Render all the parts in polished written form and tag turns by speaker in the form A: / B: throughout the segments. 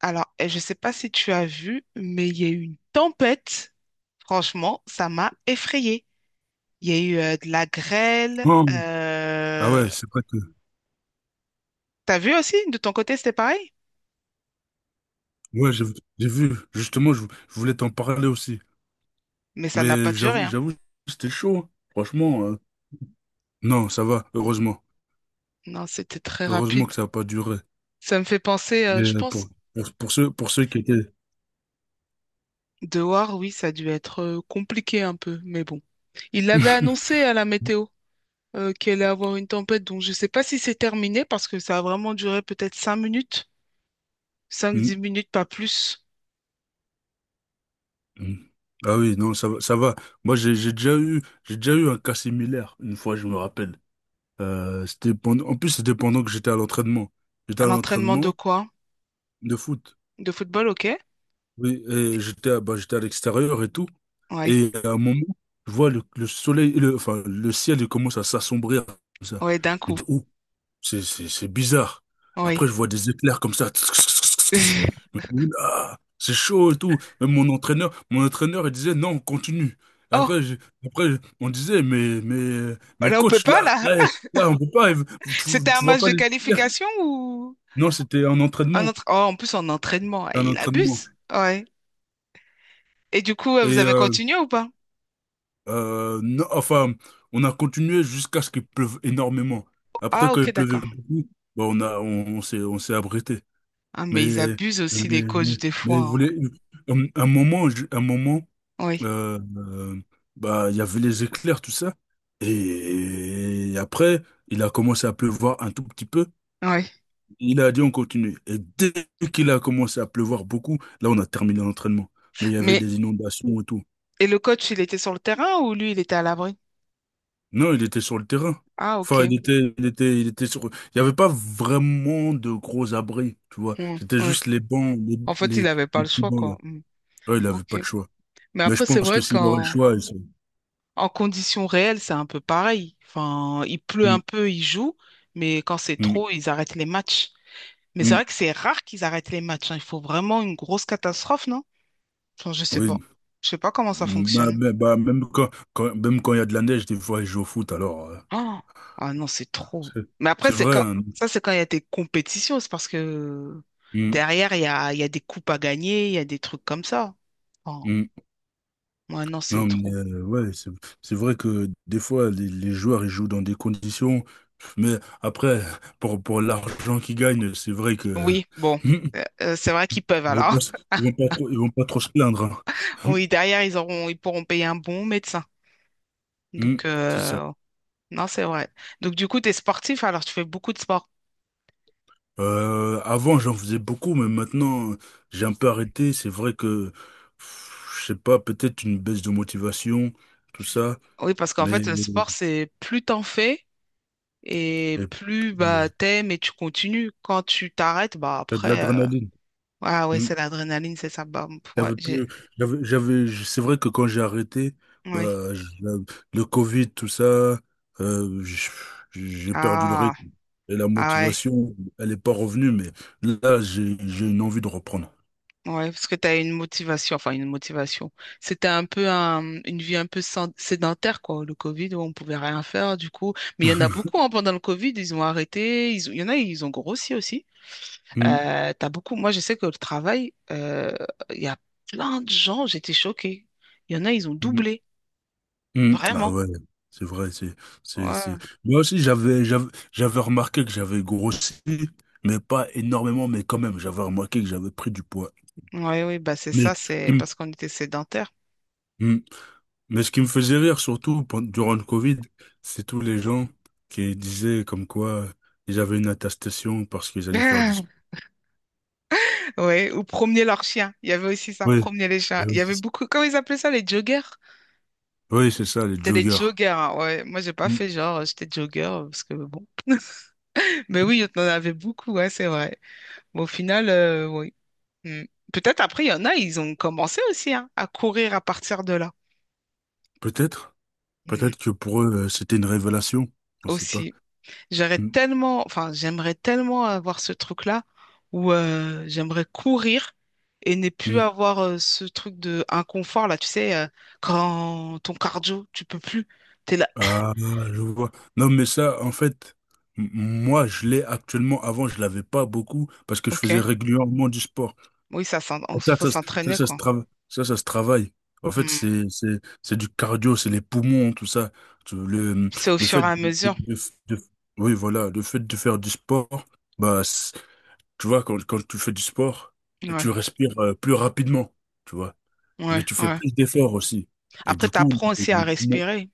A: Alors, je sais pas si tu as vu, mais il y a eu une tempête. Franchement, ça m'a effrayée. Il y a eu de la grêle.
B: Oh, ah ouais, c'est vrai que.
A: T'as vu aussi, de ton côté, c'était pareil?
B: Ouais, j'ai vu. Justement, je voulais t'en parler aussi.
A: Mais ça n'a
B: Mais
A: pas duré, hein.
B: j'avoue, c'était chaud, hein. Franchement, non, ça va. Heureusement.
A: Non, c'était très
B: Heureusement
A: rapide.
B: que ça n'a pas duré.
A: Ça me fait penser,
B: Mais
A: je pense,
B: pour pour ceux qui étaient.
A: dehors, oui, ça a dû être compliqué un peu, mais bon. Il l'avait annoncé à la météo qu'il allait avoir une tempête, donc je ne sais pas si c'est terminé parce que ça a vraiment duré peut-être 5 minutes, cinq
B: Mm,
A: dix minutes, pas plus,
B: mm. Ah oui, non, ça va, ça va. Moi, j'ai déjà eu un cas similaire, une fois, je me rappelle. C'était pendant, en plus, c'était pendant que j'étais à l'entraînement. J'étais
A: à
B: à
A: l'entraînement de
B: l'entraînement
A: quoi?
B: de foot.
A: De football, ok?
B: Oui, et bah, j'étais à l'extérieur et tout.
A: Oui.
B: Et à un moment, je vois le soleil, enfin, le ciel, il commence à s'assombrir comme ça.
A: Oui, d'un
B: Je me
A: coup.
B: dis, oh, c'est bizarre. Après,
A: Oui.
B: je vois des éclairs comme ça. Je me dis, oula, c'est chaud et tout. Même mon entraîneur, il disait, non, on continue.
A: Oh,
B: Après, je- après, on disait, mais
A: là, on peut
B: coach,
A: pas, là.
B: là, on peut pas,
A: C'était un
B: tu vois
A: match
B: pas
A: de
B: les éclairs.
A: qualification ou
B: Non, c'était
A: un autre? Oh, en plus, en entraînement, eh,
B: un
A: il
B: entraînement.
A: abuse. Ouais. Et du coup, vous
B: Et,
A: avez
B: euh,
A: continué ou pas?
B: Non, enfin, on a continué jusqu'à ce qu'il pleuve énormément. Après,
A: Ah,
B: quand
A: ok,
B: il pleuvait
A: d'accord.
B: beaucoup, bah, on a, on, on s'est abrité.
A: Ah,
B: Mais,
A: mais ils abusent
B: mais,
A: aussi, les
B: mais,
A: coachs, des fois,
B: mais vous
A: hein.
B: voulez, un moment, un moment,
A: Oui.
B: euh, euh, bah, il y avait les éclairs, tout ça. Et après, il a commencé à pleuvoir un tout petit peu.
A: Oui.
B: Il a dit on continue. Et dès qu'il a commencé à pleuvoir beaucoup, là, on a terminé l'entraînement. Mais il y avait
A: Mais,
B: des inondations et tout.
A: et le coach, il était sur le terrain ou lui, il était à l'abri?
B: Non, il était sur le terrain.
A: Ah, ok.
B: Enfin, il était sur. Il n'y avait pas vraiment de gros abris, tu vois.
A: Mm,
B: C'était
A: ouais.
B: juste
A: En fait, il n'avait pas
B: les
A: le
B: petits
A: choix,
B: bancs là.
A: quoi. Mm.
B: Ouais, il avait
A: Ok.
B: pas de choix.
A: Mais
B: Mais je
A: après, c'est
B: pense que
A: vrai
B: s'il aurait le
A: qu'en
B: choix, il serait-
A: en conditions réelles, c'est un peu pareil. Enfin, il pleut un
B: Mm,
A: peu, ils jouent, mais quand c'est
B: mm,
A: trop, ils arrêtent les matchs. Mais c'est
B: mm.
A: vrai que c'est rare qu'ils arrêtent les matchs, hein. Il faut vraiment une grosse catastrophe, non? Enfin, je sais pas.
B: Oui.
A: Je sais pas comment ça
B: Mm. Bah,
A: fonctionne.
B: même quand, même quand il y a de la neige, des fois, il joue au foot. Alors,
A: Ah. Ah non, c'est trop.
B: c'est
A: Mais après,
B: c'est
A: c'est
B: vrai,
A: quand
B: hein.
A: ça, c'est quand il y a des compétitions, c'est parce que
B: Mm,
A: derrière, il y a des coupes à gagner, il y a des trucs comme ça. Oh,
B: mm.
A: ouais, non, c'est
B: Non, mais
A: trop.
B: ouais, c'est vrai que des fois, les joueurs, ils jouent dans des conditions. Mais après, pour l'argent qu'ils gagnent, c'est vrai que
A: Oui, bon. C'est vrai qu'ils peuvent
B: ils vont
A: alors.
B: pas, se- ils vont pas trop, ils vont pas trop se plaindre, hein.
A: Oui, derrière, ils auront, ils pourront payer un bon médecin.
B: Hmm.
A: Donc,
B: C'est ça.
A: non, c'est vrai. Donc, du coup, tu es sportif, alors tu fais beaucoup de sport.
B: Avant, j'en faisais beaucoup, mais maintenant, j'ai un peu arrêté. C'est vrai que, pff, je sais pas, peut-être une baisse de motivation, tout ça,
A: Oui, parce qu'en
B: mais
A: fait, le sport, c'est plus t'en fais et
B: euh,
A: plus bah, t'aimes et tu continues. Quand tu t'arrêtes, bah
B: t'as de
A: après,
B: l'adrénaline.
A: ah ouais,
B: Hmm.
A: c'est l'adrénaline, c'est ça. Bah, ouais,
B: J'avais
A: j'ai...
B: plus, j'avais- c'est vrai que quand j'ai arrêté,
A: Ouais.
B: bah, le Covid, tout ça, euh, j- j'ai perdu le
A: Ah,
B: rythme. Et la
A: ah ouais.
B: motivation, elle n'est pas revenue, mais là, j'ai une envie de reprendre.
A: Ouais, parce que tu as une motivation, enfin une motivation. C'était un peu une vie un peu sédentaire, quoi, le Covid, où on pouvait rien faire, du coup. Mais il y en a beaucoup, hein, pendant le Covid, ils ont arrêté, il y en a, ils ont grossi aussi.
B: Mm,
A: T'as beaucoup. Moi, je sais que le travail, il y a plein de gens, j'étais choquée. Il y en a, ils ont
B: mm,
A: doublé.
B: mm. Ah
A: Vraiment.
B: ouais, c'est vrai, c'est.
A: Ouais.
B: Moi aussi, j'avais remarqué que j'avais grossi, mais pas énormément, mais quand même, j'avais remarqué que j'avais pris du poids.
A: Ouais, oui, bah c'est
B: Mais,
A: ça, c'est
B: mm,
A: parce qu'on était sédentaires.
B: mm. Mais ce qui me faisait rire durant le Covid, c'est tous les gens qui disaient comme quoi ils avaient une attestation parce qu'ils allaient faire du sport.
A: Ouais, ou promener leurs chiens. Il y avait aussi ça,
B: Oui,
A: promener les chiens. Il y avait beaucoup. Comment ils appelaient ça, les joggers?
B: oui, c'est ça, les
A: C'était les
B: joggers.
A: joggers, hein, ouais. Moi, j'ai pas
B: Mm.
A: fait genre, j'étais jogger, parce que bon. Mais oui, on en avait beaucoup, ouais, c'est vrai. Mais au final, oui. Mm. Peut-être après, il y en a, ils ont commencé aussi hein, à courir à partir de là.
B: Peut-être,
A: Mm.
B: peut-être que pour eux, c'était une révélation. On ne sait pas.
A: Aussi. J'aurais
B: Mm.
A: tellement, enfin, j'aimerais tellement avoir ce truc-là où j'aimerais courir et ne plus
B: Mm.
A: avoir ce truc de inconfort là, tu sais, quand ton cardio, tu peux plus, t'es là.
B: Ah, je vois. Non, mais ça, en fait, moi, je l'ai actuellement. Avant, je l'avais pas beaucoup parce que je
A: Ok,
B: faisais régulièrement du sport.
A: oui, ça, faut
B: Ça,
A: s'entraîner
B: ça se
A: quoi.
B: trava- ça se travaille. En fait,
A: Hmm.
B: c'est du cardio, c'est les poumons, tout ça. Tu- Le,
A: C'est au
B: le
A: fur
B: fait
A: et à
B: de,
A: mesure.
B: de- de- oui, voilà, le fait de faire du sport, bah, c'est- tu vois, quand, quand tu fais du sport, tu
A: Ouais,
B: respires plus rapidement, tu vois. Mais tu fais
A: ouais.
B: plus d'efforts aussi. Et
A: Après,
B: du coup,
A: t'apprends
B: les-
A: aussi
B: les
A: à
B: poumons-
A: respirer,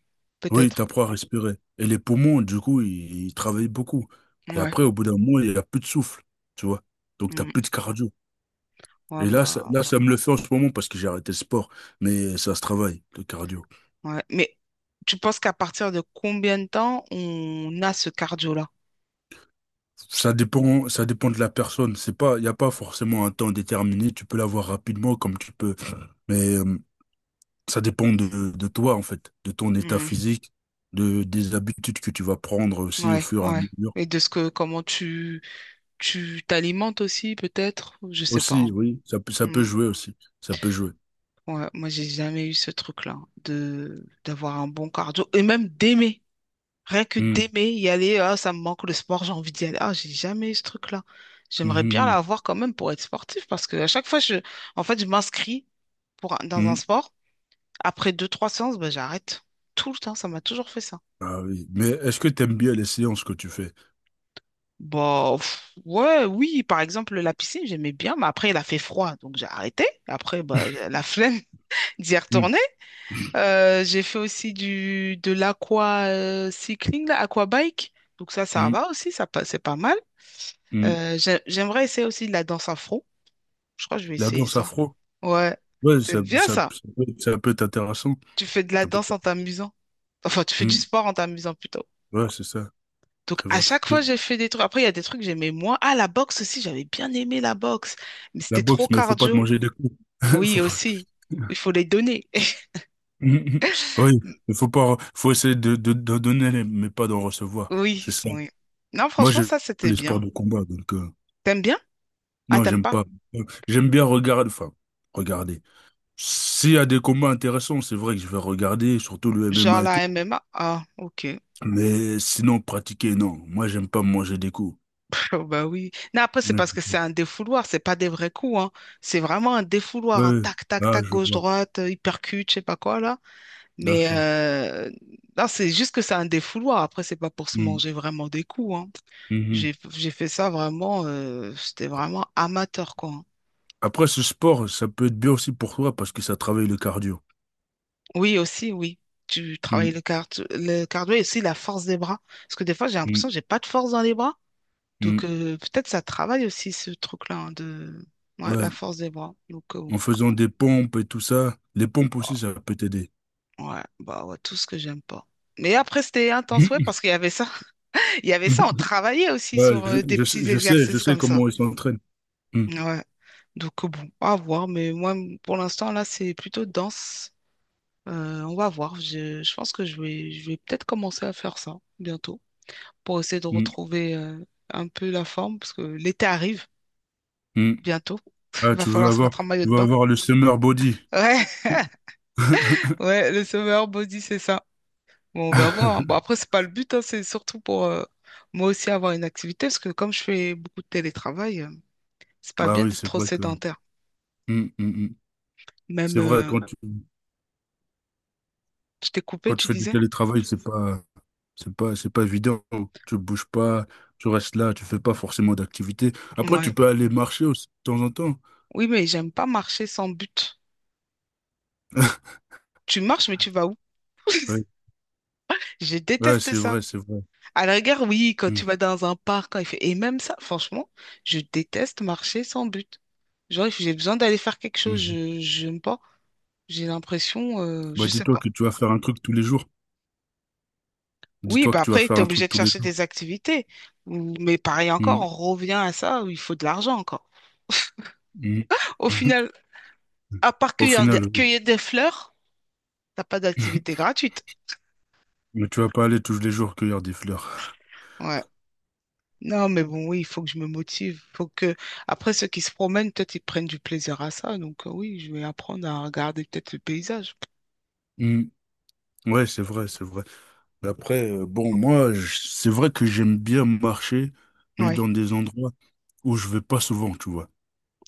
B: oui,
A: peut-être.
B: t'apprends à respirer. Et les poumons, du coup, ils travaillent beaucoup. Et
A: Ouais.
B: après, au bout d'un moment, il n'y a plus de souffle, tu vois. Donc, t'as
A: Hmm.
B: plus de cardio.
A: Ouais,
B: Et
A: bah,
B: là, ça me le fait en ce moment parce que j'ai arrêté le sport, mais ça se travaille, le cardio.
A: ouais. Mais tu penses qu'à partir de combien de temps on a ce cardio-là?
B: Ça dépend de la personne. C'est pas, il n'y a pas forcément un temps déterminé. Tu peux l'avoir rapidement comme tu peux, mais ça dépend de toi, en fait, de ton état
A: Hmm.
B: physique, des habitudes que tu vas prendre aussi au
A: Ouais,
B: fur et à
A: ouais.
B: mesure.
A: Et de ce que, comment tu, tu t'alimentes aussi, peut-être, je sais pas,
B: Aussi,
A: hein.
B: oui, ça, ça peut
A: Hmm.
B: jouer aussi. Ça peut jouer.
A: Ouais, moi, j'ai jamais eu ce truc-là de d'avoir un bon cardio et même d'aimer. Rien que
B: Hmm.
A: d'aimer y aller, ah, ça me manque le sport, j'ai envie d'y aller. Ah, j'ai jamais eu ce truc-là. J'aimerais bien
B: hmm,
A: l'avoir quand même pour être sportif parce que à chaque fois, je, en fait, je m'inscris pour
B: hmm,
A: dans
B: hmm.
A: un
B: hmm.
A: sport. Après deux, trois séances, ben, j'arrête. Tout le temps, ça m'a toujours fait ça.
B: Ah oui. Mais est-ce que tu aimes bien les séances que tu fais?
A: Bah, pff, ouais, oui, par exemple, la piscine, j'aimais bien, mais après, il a fait froid, donc j'ai arrêté. Après, bah, j'ai la flemme d'y
B: Hmm,
A: retourner. J'ai fait aussi du, de l'aqua cycling, là, aquabike. Donc ça
B: hmm,
A: va aussi, ça, c'est pas mal.
B: hmm.
A: J'aimerais essayer aussi de la danse afro. Je crois que je vais
B: La
A: essayer
B: danse
A: ça.
B: afro?
A: Ouais,
B: Ouais,
A: c'est bien ça.
B: ça peut être intéressant.
A: Tu fais de la
B: Ça peut
A: danse en
B: être-
A: t'amusant. Enfin, tu fais du
B: Hmm.
A: sport en t'amusant plutôt.
B: Ouais, c'est ça,
A: Donc,
B: c'est
A: à
B: vrai.
A: chaque fois, j'ai fait des trucs. Après, il y a des trucs que j'aimais moins. Ah, la boxe aussi, j'avais bien aimé la boxe mais
B: La
A: c'était trop
B: boxe, mais il faut pas te
A: cardio.
B: manger des coups. Faut
A: Oui,
B: pas-
A: aussi. Il faut les donner.
B: Hmm, hmm. Oui, il faut pas, faut essayer de donner, les- mais pas d'en recevoir. C'est
A: Oui,
B: ça.
A: oui. Non,
B: Moi,
A: franchement,
B: j'aime
A: ça, c'était
B: les sports
A: bien.
B: de combat, donc
A: T'aimes bien? Ah,
B: non,
A: t'aimes
B: j'aime
A: pas?
B: pas. J'aime bien regarder, enfin, regarder. S'il y a des combats intéressants, c'est vrai que je vais regarder, surtout le
A: Genre
B: MMA et tout.
A: la MMA? Ah, ok.
B: Mais sinon, pratiquer, non. Moi, j'aime pas manger des coups.
A: Oh, bah oui. Non, après, c'est
B: Ouais,
A: parce que c'est un défouloir, c'est pas des vrais coups, hein. C'est vraiment un défouloir, un
B: ouais,
A: tac, tac,
B: ah,
A: tac,
B: je vois.
A: gauche-droite, hypercute, je sais pas quoi, là. Mais
B: D'accord.
A: non, c'est juste que c'est un défouloir. Après, c'est pas pour se
B: Mm.
A: manger vraiment des coups, hein.
B: Mhm.
A: J'ai fait ça vraiment, c'était vraiment amateur, quoi.
B: Après, ce sport, ça peut être bien aussi pour toi parce que ça travaille le cardio.
A: Oui, aussi, oui. Tu travailles
B: Mm,
A: le cardio et aussi la force des bras. Parce que des fois, j'ai
B: mm,
A: l'impression que j'ai pas de force dans les bras. Donc,
B: mm.
A: peut-être ça travaille aussi ce truc-là hein, de ouais, la
B: Ouais,
A: force des bras. Donc,
B: en faisant des pompes et tout ça, les pompes
A: oh,
B: aussi, ça peut t'aider.
A: ouais, bah ouais, tout ce que j'aime pas. Mais après, c'était intense, ouais, parce qu'il y avait ça. Il y avait ça, on travaillait aussi
B: Ouais,
A: sur des
B: je, je sais,
A: petits
B: je sais je
A: exercices
B: sais
A: comme ça.
B: comment ils s'entraînent. Mm,
A: Ouais. Donc, bon, à voir. Mais moi, pour l'instant, là, c'est plutôt danse. On va voir. Je pense que je vais, peut-être commencer à faire ça bientôt. Pour essayer de
B: mm,
A: retrouver un peu la forme, parce que l'été arrive
B: mm.
A: bientôt.
B: Ah,
A: Va falloir se mettre en maillot
B: tu
A: de
B: veux
A: bain.
B: avoir le summer body.
A: Ouais, ouais, le sauveur body, c'est ça. Bon, on va voir, hein. Bon, après, c'est pas le but, hein, c'est surtout pour moi aussi avoir une activité, parce que comme je fais beaucoup de télétravail, c'est pas
B: Ah
A: bien
B: oui,
A: d'être
B: c'est
A: trop
B: vrai que,
A: sédentaire.
B: mm, mm, mm,
A: Même,
B: c'est vrai,
A: je t'ai coupé,
B: quand tu
A: tu
B: fais du
A: disais?
B: télétravail, c'est pas, c'est pas évident. Tu bouges pas, tu restes là, tu fais pas forcément d'activité. Après,
A: Ouais.
B: tu peux aller marcher aussi de temps en temps.
A: Oui, mais j'aime pas marcher sans but. Tu marches, mais tu vas où?
B: Ouais,
A: Je
B: ouais,
A: déteste
B: c'est
A: ça.
B: vrai, c'est vrai.
A: À la gare, oui, quand tu
B: Mm,
A: vas dans un parc, quand il fait... Et même ça, franchement, je déteste marcher sans but. Genre, if j'ai besoin d'aller faire quelque chose,
B: mhm.
A: je j'aime pas. J'ai l'impression,
B: Bah,
A: je sais
B: dis-toi
A: pas.
B: que tu vas faire un truc tous les jours.
A: Oui,
B: Dis-toi
A: bah
B: que tu vas
A: après,
B: faire
A: tu es
B: un
A: obligé
B: truc
A: de
B: tous les
A: chercher
B: jours.
A: des activités. Mais pareil encore,
B: Mm,
A: on revient à ça, où il faut de l'argent encore.
B: mm,
A: Au
B: mhm.
A: final, à part
B: Au final, oui.
A: cueillir des fleurs, t'as pas d'activité gratuite.
B: Mais tu vas pas aller tous les jours cueillir des fleurs.
A: Ouais. Non, mais bon, oui, il faut que je me motive. Faut que, après, ceux qui se promènent, peut-être ils prennent du plaisir à ça. Donc, oui, je vais apprendre à regarder peut-être le paysage.
B: Mm, ouais, c'est vrai, c'est vrai. Mais après, bon, moi, c'est vrai que j'aime bien marcher, mais
A: Ouais.
B: dans des endroits où je vais pas souvent, tu vois.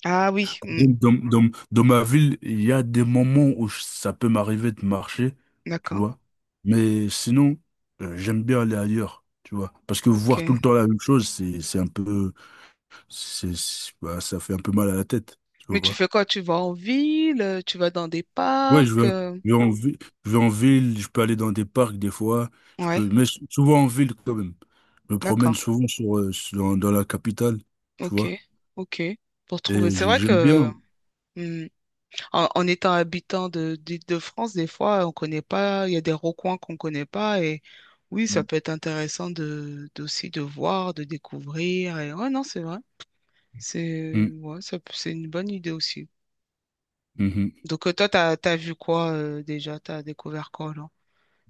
A: Ah oui, mm,
B: Dans ma ville, il y a des moments où ça peut m'arriver de marcher, tu
A: d'accord.
B: vois. Mais sinon, j'aime bien aller ailleurs, tu vois. Parce que voir tout
A: Ok.
B: le temps la même chose, c'est un peu, c'est- bah, ça fait un peu mal à la tête, tu
A: Mais tu
B: vois.
A: fais quoi? Tu vas en ville, tu vas dans des
B: Ouais, je
A: parcs.
B: vais, je vais en ville, je vais en ville, je peux aller dans des parcs des fois, je peux,
A: Ouais,
B: mais souvent en ville quand même. Je me promène
A: d'accord.
B: souvent dans la capitale, tu
A: Ok,
B: vois.
A: ok. Pour trouver.
B: Et
A: C'est vrai
B: j'aime
A: que
B: bien.
A: mm, en étant habitant de d'Île-de-France, des fois, on connaît pas. Il y a des recoins qu'on connaît pas. Et oui, ça peut être intéressant de d'aussi de voir, de découvrir. Et ouais, non, c'est vrai. C'est
B: Mm,
A: ouais, c'est une bonne idée aussi.
B: mhm.
A: Donc toi, t'as vu quoi déjà? T'as découvert quoi?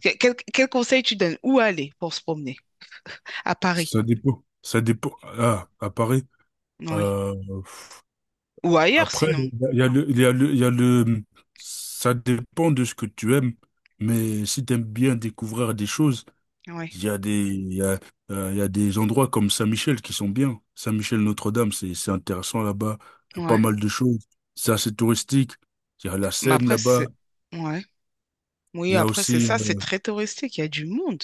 A: Quel conseil tu donnes? Où aller pour se promener? À Paris,
B: Ça dépend. Ça dépend. Ah, à Paris.
A: oui.
B: Euh,
A: Ou ailleurs
B: Après,
A: sinon.
B: il y a le, ça dépend de ce que tu aimes. Mais si tu aimes bien découvrir des choses,
A: Oui,
B: il y a des, il y a, il y a des endroits comme Saint-Michel qui sont bien. Saint-Michel Notre-Dame, c'est intéressant là-bas. Il y a pas
A: ouais.
B: mal de choses. C'est assez touristique. Il y a la
A: Mais
B: Seine
A: après,
B: là-bas.
A: c'est... Ouais. Oui,
B: Il y a
A: après, c'est
B: aussi,
A: ça, c'est très touristique, il y a du monde,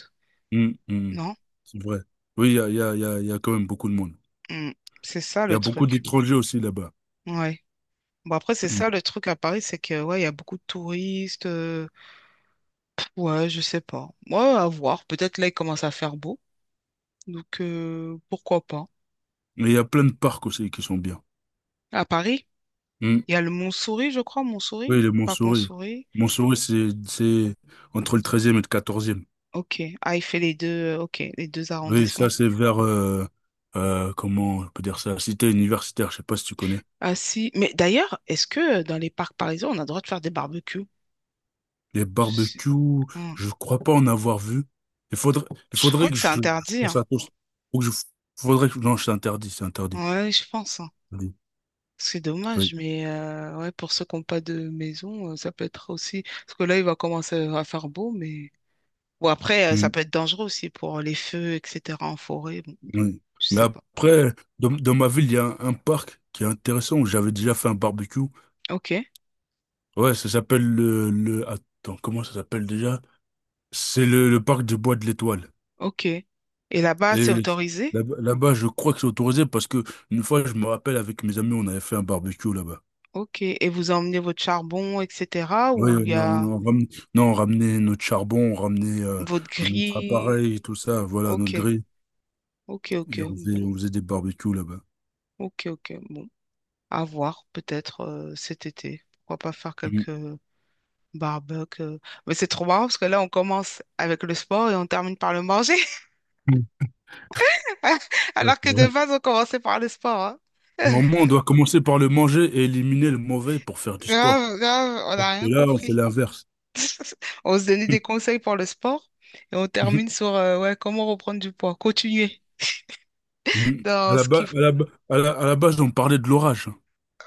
B: hum, hum,
A: non?
B: c'est vrai. Oui, il y a, il y a, il y a, il y a quand même beaucoup de monde.
A: Mm. C'est ça
B: Il y
A: le
B: a beaucoup
A: truc.
B: d'étrangers aussi là-bas.
A: Ouais. Bon, après, c'est
B: Hum.
A: ça le truc à Paris, c'est que, ouais, il y a beaucoup de touristes. Ouais, je sais pas. Ouais, à voir. Peut-être là, il commence à faire beau. Donc, pourquoi pas?
B: Mais il y a plein de parcs aussi qui sont bien.
A: À Paris,
B: Mm.
A: il y a le Montsouris, je crois, Montsouris,
B: Oui, les
A: pas
B: Montsouris.
A: Consouris.
B: Montsouris, c'est entre le
A: D-
B: treizième et le quatorzième.
A: Ok. Ah, il fait les deux, ok, les deux
B: Oui, ça,
A: arrondissements.
B: c'est vers, comment on peut dire ça, cité universitaire, je sais pas si tu connais.
A: Ah si, mais d'ailleurs, est-ce que dans les parcs parisiens, on a le droit de faire des barbecues?
B: Les
A: Si-
B: barbecues,
A: Hmm.
B: je crois pas en avoir vu. Il faudrait, il
A: Je crois
B: faudrait
A: que c'est
B: je
A: interdit,
B: pense
A: hein.
B: à tous. Faut que je, faudrait que, non, c'est interdit, c'est interdit.
A: Ouais, je pense, hein.
B: Oui,
A: C'est
B: oui.
A: dommage, mais ouais, pour ceux qui n'ont pas de maison, ça peut être aussi. Parce que là, il va commencer à faire beau, mais. Ou après, ça
B: Mm,
A: peut être dangereux aussi pour les feux, etc. en forêt. Bon,
B: oui.
A: je
B: Mais
A: sais pas.
B: après, dans ma ville, il y a un parc qui est intéressant où j'avais déjà fait un barbecue.
A: Ok,
B: Ouais, ça s'appelle le... Attends, comment ça s'appelle déjà? C'est le parc du Bois de l'Étoile.
A: ok. Et là-bas, c'est
B: Et
A: autorisé?
B: là là-bas, je crois que c'est autorisé parce que une fois, je me rappelle, avec mes amis, on avait fait un barbecue là-bas.
A: Ok. Et vous emmenez votre charbon, etc.
B: Ouais,
A: Ou il y
B: on,
A: a
B: on, on ramenait, non, on ramenait notre charbon, on ramenait
A: votre
B: notre
A: grille?
B: appareil et tout ça, voilà, notre
A: Ok,
B: grille.
A: ok, ok.
B: Et on faisait des barbecues là-bas.
A: Ok, ok. Bon, à voir peut-être cet été. Pourquoi pas faire
B: Mhm.
A: quelques barbecues. Mais c'est trop marrant parce que là, on commence avec le sport et on termine par le manger.
B: Ouais,
A: Alors
B: c'est
A: que
B: vrai.
A: de base, on commençait par le sport, hein.
B: Normalement, on doit commencer par le manger et éliminer le mauvais pour faire du sport.
A: Grave, grave, on
B: Alors
A: n'a
B: que
A: rien
B: là, on fait
A: compris.
B: l'inverse.
A: On se donnait des conseils pour le sport et on termine sur ouais, comment reprendre du poids. Continuer
B: Mm. À
A: dans
B: la
A: ce
B: base,
A: qui...
B: à la, ba- à la base, on parlait de l'orage.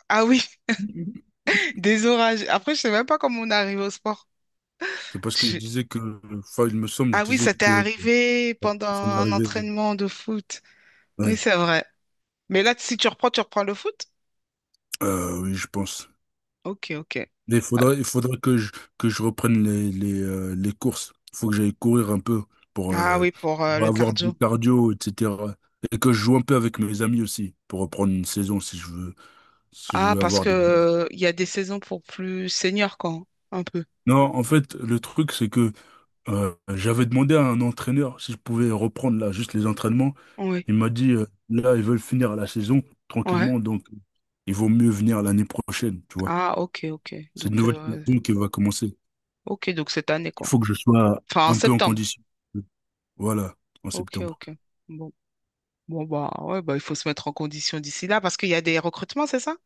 A: Ah oui,
B: Mhm.
A: des orages. Après, je sais même pas comment on est arrivé au sport.
B: C'est parce que je
A: Je-
B: disais que, enfin, il me semble, je
A: Ah oui,
B: disais
A: ça t'est
B: que
A: arrivé pendant
B: ça m'est
A: un
B: arrivé.
A: entraînement de foot. Oui,
B: Ouais.
A: c'est vrai. Mais là, si tu reprends, tu reprends le foot?
B: Oui, je pense.
A: Ok, ok.
B: Mais
A: Ah
B: il faudrait que je reprenne les courses. Il faut que j'aille courir un peu pour,
A: ah
B: euh,
A: oui, pour
B: pour
A: le
B: avoir du
A: cardio.
B: cardio, etc. Et que je joue un peu avec mes amis aussi pour reprendre une saison si je veux, si je
A: Ah,
B: veux
A: parce
B: avoir
A: que
B: des bases.
A: il y a des saisons pour plus seniors, quand, un peu.
B: Non, en fait, le truc, c'est que j'avais demandé à un entraîneur si je pouvais reprendre là juste les entraînements.
A: Oui,
B: Il m'a dit, là, ils veulent finir la saison
A: ouais.
B: tranquillement, donc il vaut mieux venir l'année prochaine, tu vois.
A: Ah, ok, ok.
B: C'est une
A: Donc,
B: nouvelle saison qui va commencer.
A: ok, donc cette année,
B: Il
A: quoi.
B: faut que je sois
A: Enfin, en
B: un peu en
A: septembre.
B: condition. Voilà, en
A: Ok,
B: septembre.
A: ok. Bon, bon, bah, ouais, bah, il faut se mettre en condition d'ici là parce qu'il y a des recrutements, c'est ça?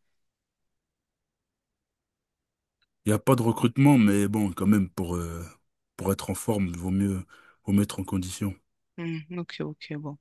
B: Il n'y a pas de recrutement, mais bon, quand même, pour être en forme, vaut mieux être en condition.
A: Hmm, ok, ok, bon.